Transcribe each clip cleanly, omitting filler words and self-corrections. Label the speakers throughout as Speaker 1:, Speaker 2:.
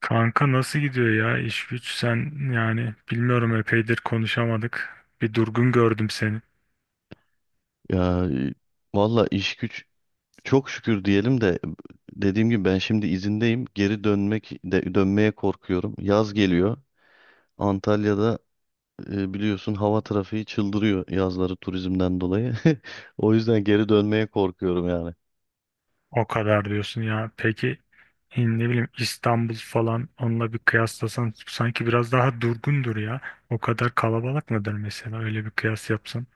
Speaker 1: Kanka, nasıl gidiyor ya iş güç? Sen yani bilmiyorum epeydir konuşamadık. Bir durgun gördüm seni.
Speaker 2: Ya valla iş güç, çok şükür diyelim de dediğim gibi ben şimdi izindeyim. Geri dönmek de, dönmeye korkuyorum. Yaz geliyor. Antalya'da biliyorsun hava trafiği çıldırıyor yazları turizmden dolayı. O yüzden geri dönmeye korkuyorum yani.
Speaker 1: O kadar diyorsun ya. Peki ne bileyim İstanbul falan, onunla bir kıyaslasan sanki biraz daha durgundur ya. O kadar kalabalık mıdır mesela, öyle bir kıyas yapsan?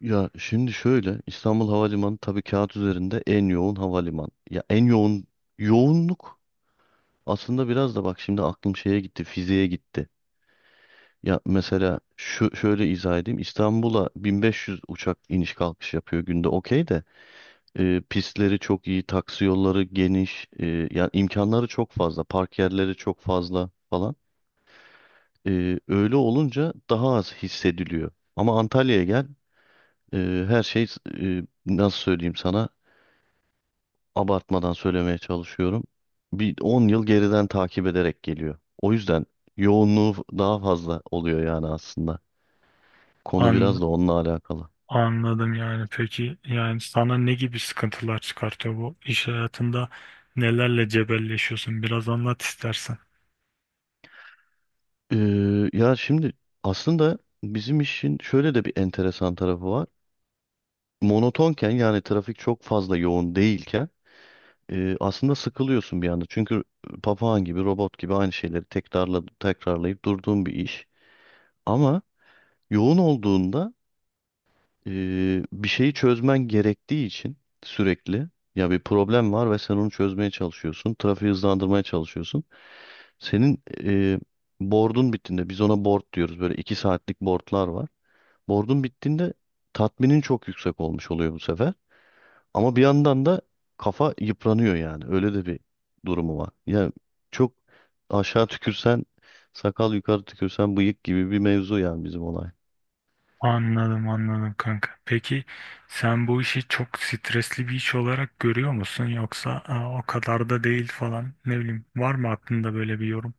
Speaker 2: Ya şimdi şöyle, İstanbul Havalimanı tabii kağıt üzerinde en yoğun havaliman. Ya en yoğun yoğunluk aslında, biraz da bak şimdi aklım şeye gitti, fiziğe gitti. Ya mesela şu şöyle izah edeyim. İstanbul'a 1500 uçak iniş kalkış yapıyor günde. Okey de pistleri çok iyi, taksi yolları geniş, yani imkanları çok fazla, park yerleri çok fazla falan. Öyle olunca daha az hissediliyor. Ama Antalya'ya gel, e, her şey, nasıl söyleyeyim sana, abartmadan söylemeye çalışıyorum. Bir 10 yıl geriden takip ederek geliyor. O yüzden yoğunluğu daha fazla oluyor yani aslında. Konu
Speaker 1: An
Speaker 2: biraz da onunla alakalı.
Speaker 1: Anladım yani. Peki yani sana ne gibi sıkıntılar çıkartıyor bu iş hayatında? Nelerle cebelleşiyorsun? Biraz anlat istersen.
Speaker 2: Ya şimdi aslında bizim işin şöyle de bir enteresan tarafı var. Monotonken, yani trafik çok fazla yoğun değilken, aslında sıkılıyorsun bir anda. Çünkü papağan gibi, robot gibi aynı şeyleri tekrarla, tekrarlayıp durduğun bir iş. Ama yoğun olduğunda, e, bir şeyi çözmen gerektiği için sürekli, ya bir problem var ve sen onu çözmeye çalışıyorsun. Trafiği hızlandırmaya çalışıyorsun. Senin board'un bittiğinde, biz ona board diyoruz. Böyle 2 saatlik boardlar var. Bordun bittiğinde tatminin çok yüksek olmuş oluyor bu sefer. Ama bir yandan da kafa yıpranıyor yani. Öyle de bir durumu var. Yani çok, aşağı tükürsen sakal yukarı tükürsen bıyık gibi bir mevzu yani bizim olay.
Speaker 1: Anladım anladım kanka. Peki sen bu işi çok stresli bir iş olarak görüyor musun, yoksa "Aa, o kadar da değil" falan, ne bileyim, var mı aklında böyle bir yorum?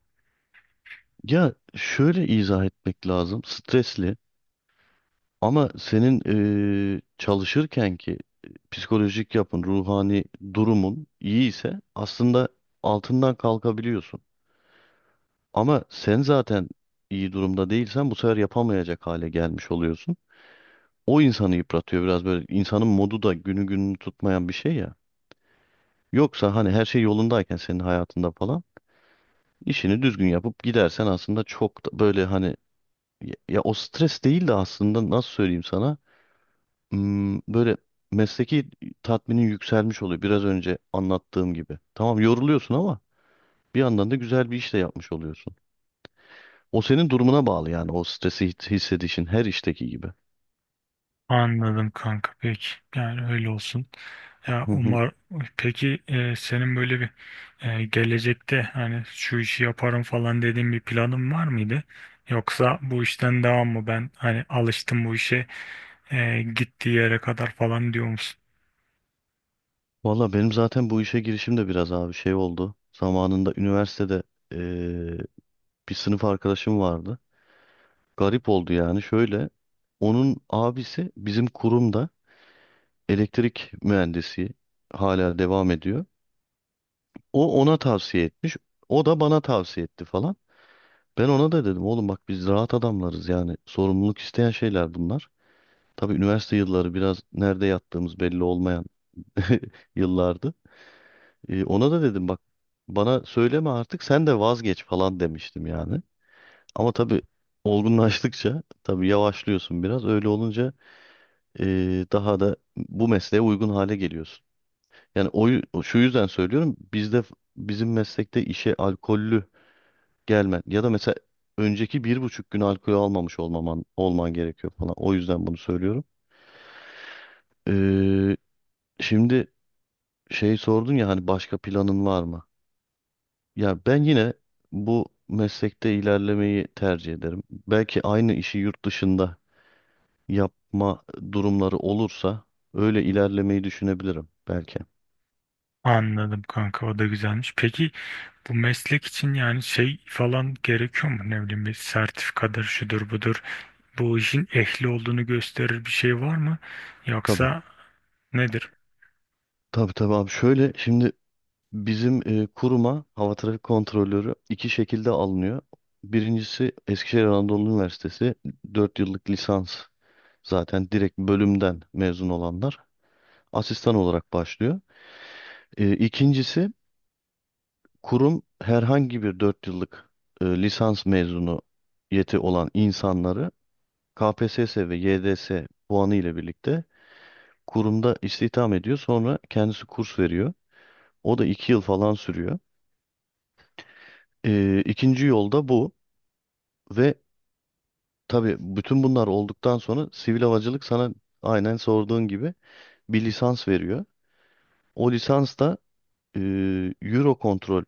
Speaker 2: Ya şöyle izah etmek lazım. Stresli, ama senin çalışırken ki psikolojik yapın, ruhani durumun iyi ise aslında altından kalkabiliyorsun. Ama sen zaten iyi durumda değilsen bu sefer yapamayacak hale gelmiş oluyorsun. O insanı yıpratıyor biraz böyle. İnsanın modu da günü gününü tutmayan bir şey ya. Yoksa hani her şey yolundayken senin hayatında falan, işini düzgün yapıp gidersen aslında çok da böyle hani, ya, ya o stres değil de aslında nasıl söyleyeyim sana. Hmm, böyle mesleki tatminin yükselmiş oluyor biraz önce anlattığım gibi. Tamam, yoruluyorsun ama bir yandan da güzel bir iş de yapmış oluyorsun. O senin durumuna bağlı, yani o stresi hissedişin her işteki gibi.
Speaker 1: Anladım kanka, peki yani öyle olsun. Ya
Speaker 2: Hı hı.
Speaker 1: umar Peki senin böyle bir gelecekte hani şu işi yaparım falan dediğin bir planın var mıydı? Yoksa bu işten devam mı, ben hani alıştım bu işe gittiği yere kadar falan diyor musun?
Speaker 2: Valla benim zaten bu işe girişim de biraz abi şey oldu. Zamanında üniversitede eee, bir sınıf arkadaşım vardı. Garip oldu yani şöyle. Onun abisi bizim kurumda elektrik mühendisi, hala devam ediyor. O ona tavsiye etmiş. O da bana tavsiye etti falan. Ben ona da dedim oğlum bak biz rahat adamlarız, yani sorumluluk isteyen şeyler bunlar. Tabii üniversite yılları biraz nerede yattığımız belli olmayan yıllardı. Ona da dedim bak, bana söyleme artık sen de vazgeç falan demiştim yani. Ama tabii olgunlaştıkça tabii yavaşlıyorsun biraz. Öyle olunca daha da bu mesleğe uygun hale geliyorsun. Yani şu yüzden söylüyorum, bizde bizim meslekte işe alkollü gelmen ya da mesela önceki 1,5 gün alkol almamış olmaman olman gerekiyor falan. O yüzden bunu söylüyorum. E, Şimdi şey sordun ya hani başka planın var mı? Ya ben yine bu meslekte ilerlemeyi tercih ederim. Belki aynı işi yurt dışında yapma durumları olursa öyle ilerlemeyi düşünebilirim belki.
Speaker 1: Anladım kanka, o da güzelmiş. Peki bu meslek için yani şey falan gerekiyor mu? Ne bileyim, bir sertifikadır şudur budur. Bu işin ehli olduğunu gösterir bir şey var mı?
Speaker 2: Tabii.
Speaker 1: Yoksa nedir?
Speaker 2: Tabii tabii abi. Şöyle şimdi, bizim kuruma hava trafik kontrolörü 2 şekilde alınıyor. Birincisi Eskişehir Anadolu Üniversitesi 4 yıllık lisans, zaten direkt bölümden mezun olanlar asistan olarak başlıyor. İkincisi, kurum herhangi bir 4 yıllık lisans mezunu yeti olan insanları KPSS ve YDS puanı ile birlikte kurumda istihdam ediyor. Sonra kendisi kurs veriyor. O da 2 yıl falan sürüyor. İkinci yolda bu. Ve tabii bütün bunlar olduktan sonra sivil havacılık sana aynen sorduğun gibi bir lisans veriyor. O lisans da e, Eurocontrol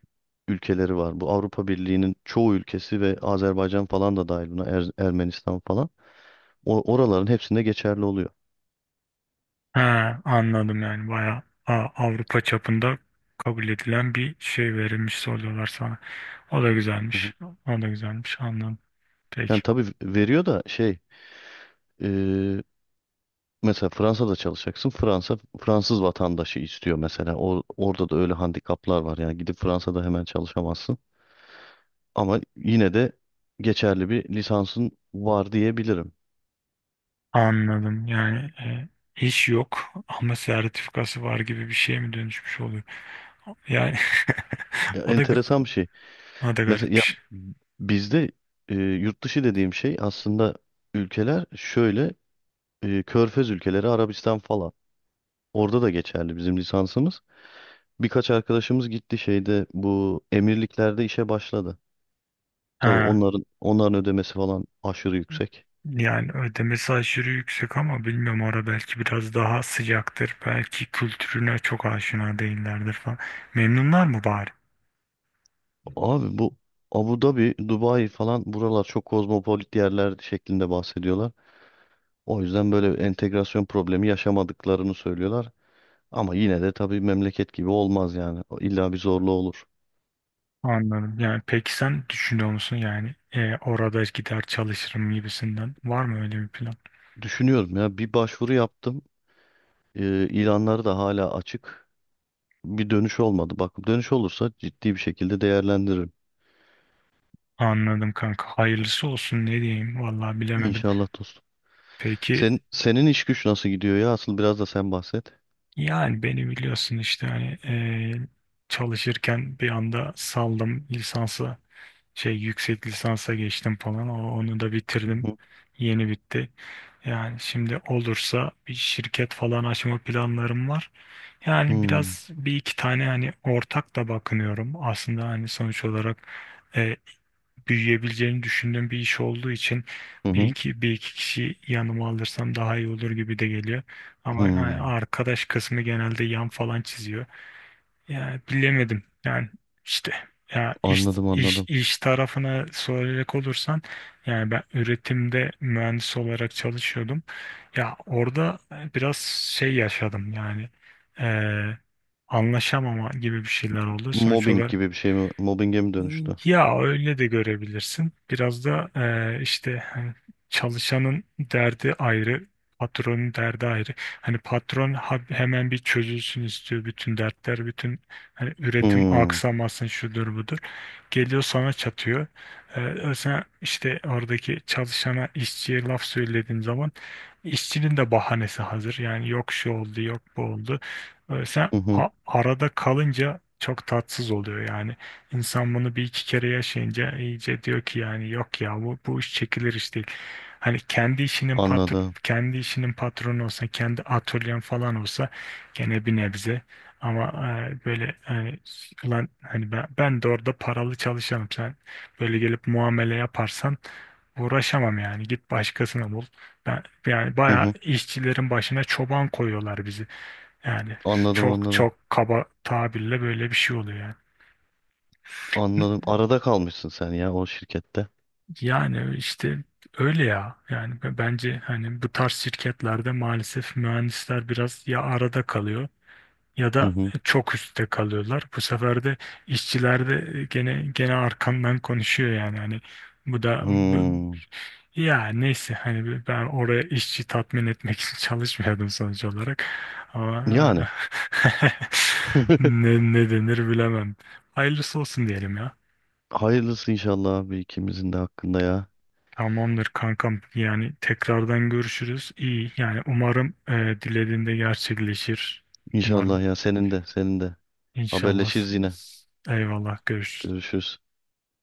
Speaker 2: ülkeleri var. Bu Avrupa Birliği'nin çoğu ülkesi ve Azerbaycan falan da dahil buna, Ermenistan falan. Oraların hepsinde geçerli oluyor.
Speaker 1: Ha, anladım, yani bayağı Avrupa çapında kabul edilen bir şey verilmiş, soruyorlar sana. O da
Speaker 2: Hı hı.
Speaker 1: güzelmiş. O da güzelmiş. Anladım. Peki.
Speaker 2: Yani tabii veriyor da şey, e, mesela Fransa'da çalışacaksın. Fransa Fransız vatandaşı istiyor mesela. Orada da öyle handikaplar var. Yani gidip Fransa'da hemen çalışamazsın. Ama yine de geçerli bir lisansın var diyebilirim.
Speaker 1: Anladım. Yani iş yok ama sertifikası var gibi bir şeye mi dönüşmüş oluyor? Yani
Speaker 2: Ya,
Speaker 1: o da ga-
Speaker 2: enteresan bir şey.
Speaker 1: o da
Speaker 2: Mesela ya
Speaker 1: garipmiş.
Speaker 2: bizde yurt dışı dediğim şey aslında, ülkeler şöyle: Körfez ülkeleri, Arabistan falan. Orada da geçerli bizim lisansımız. Birkaç arkadaşımız gitti şeyde, bu emirliklerde işe başladı. Tabii
Speaker 1: Ha,
Speaker 2: onların ödemesi falan aşırı yüksek.
Speaker 1: yani ödemesi aşırı yüksek, ama bilmiyorum, orada belki biraz daha sıcaktır. Belki kültürüne çok aşina değillerdir falan. Memnunlar mı bari?
Speaker 2: Abi bu Abu Dhabi, Dubai falan buralar çok kozmopolit yerler şeklinde bahsediyorlar. O yüzden böyle entegrasyon problemi yaşamadıklarını söylüyorlar. Ama yine de tabii memleket gibi olmaz yani. İlla bir zorluğu olur.
Speaker 1: Anladım. Yani peki sen düşünüyor musun, yani orada gider çalışırım gibisinden, var mı öyle bir plan?
Speaker 2: Düşünüyorum ya, bir başvuru yaptım. İlanları da hala açık. Bir dönüş olmadı. Bak dönüş olursa ciddi bir şekilde değerlendiririm.
Speaker 1: Anladım kanka. Hayırlısı olsun, ne diyeyim vallahi, bilemedim.
Speaker 2: İnşallah dostum.
Speaker 1: Peki
Speaker 2: Senin iş güç nasıl gidiyor ya? Asıl biraz da sen bahset.
Speaker 1: yani beni biliyorsun işte, hani çalışırken bir anda saldım lisansı. Şey, yüksek lisansa geçtim falan. Onu da
Speaker 2: Hı
Speaker 1: bitirdim.
Speaker 2: hı.
Speaker 1: Yeni bitti. Yani şimdi olursa bir şirket falan açma planlarım var. Yani
Speaker 2: Hmm,
Speaker 1: biraz bir iki tane hani ortak da bakınıyorum. Aslında hani sonuç olarak e, büyüyebileceğini düşündüğüm bir iş olduğu için
Speaker 2: hı
Speaker 1: bir
Speaker 2: hı,
Speaker 1: iki bir iki kişi yanıma alırsam daha iyi olur gibi de geliyor. Ama yani
Speaker 2: hmm.
Speaker 1: arkadaş kısmı genelde yan falan çiziyor. Ya bilemedim. Yani işte, ya iş
Speaker 2: Anladım
Speaker 1: iş
Speaker 2: anladım.
Speaker 1: iş tarafına soracak olursan yani ben üretimde mühendis olarak çalışıyordum. Ya orada biraz şey yaşadım yani, eee anlaşamama gibi bir şeyler oldu. Sonuç
Speaker 2: Mobbing
Speaker 1: olarak
Speaker 2: gibi bir şey mi? Mobbinge mi dönüştü?
Speaker 1: ya öyle de görebilirsin. Biraz da işte hani çalışanın derdi ayrı, patronun derdi ayrı. Hani patron hemen bir çözülsün istiyor bütün dertler, bütün hani üretim
Speaker 2: Hmm,
Speaker 1: aksamasın şudur budur. Geliyor sana çatıyor. Sen işte oradaki çalışana, işçiye laf söylediğin zaman işçinin de bahanesi hazır. Yani yok şu oldu, yok bu oldu. Sen
Speaker 2: hı hı.
Speaker 1: arada kalınca çok tatsız oluyor yani. İnsan bunu bir iki kere yaşayınca iyice diyor ki, yani yok ya, bu iş çekilir iş değil. Hani kendi işinin patr
Speaker 2: Anladım.
Speaker 1: Kendi işinin patronu olsa, kendi atölyen falan olsa gene bir nebze. Ama böyle hani, ulan hani ben de orada paralı çalışanım. Sen böyle gelip muamele yaparsan uğraşamam yani. Git başkasını bul. Yani
Speaker 2: Hı
Speaker 1: bayağı
Speaker 2: hı.
Speaker 1: işçilerin başına çoban koyuyorlar bizi. Yani
Speaker 2: Anladım
Speaker 1: çok
Speaker 2: anladım.
Speaker 1: çok kaba tabirle böyle bir şey oluyor yani.
Speaker 2: Anladım. Arada kalmışsın sen ya o şirkette.
Speaker 1: Yani işte öyle ya. Yani bence hani bu tarz şirketlerde maalesef mühendisler biraz ya arada kalıyor, ya
Speaker 2: Hı
Speaker 1: da
Speaker 2: hı.
Speaker 1: çok üstte kalıyorlar. Bu sefer de işçiler de gene arkandan konuşuyor yani hani bu da bu,
Speaker 2: Hmm.
Speaker 1: ya neyse hani ben oraya işçi tatmin etmek için çalışmıyordum sonuç olarak. Ama
Speaker 2: Yani.
Speaker 1: ne denir bilemem. Hayırlısı olsun diyelim ya.
Speaker 2: Hayırlısı inşallah abi, ikimizin de hakkında ya.
Speaker 1: Tamamdır kankam. Yani tekrardan görüşürüz. İyi. Yani umarım dilediğinde gerçekleşir. Umarım.
Speaker 2: İnşallah ya, senin de senin de.
Speaker 1: İnşallah.
Speaker 2: Haberleşiriz yine.
Speaker 1: Eyvallah. Görüşürüz.
Speaker 2: Görüşürüz.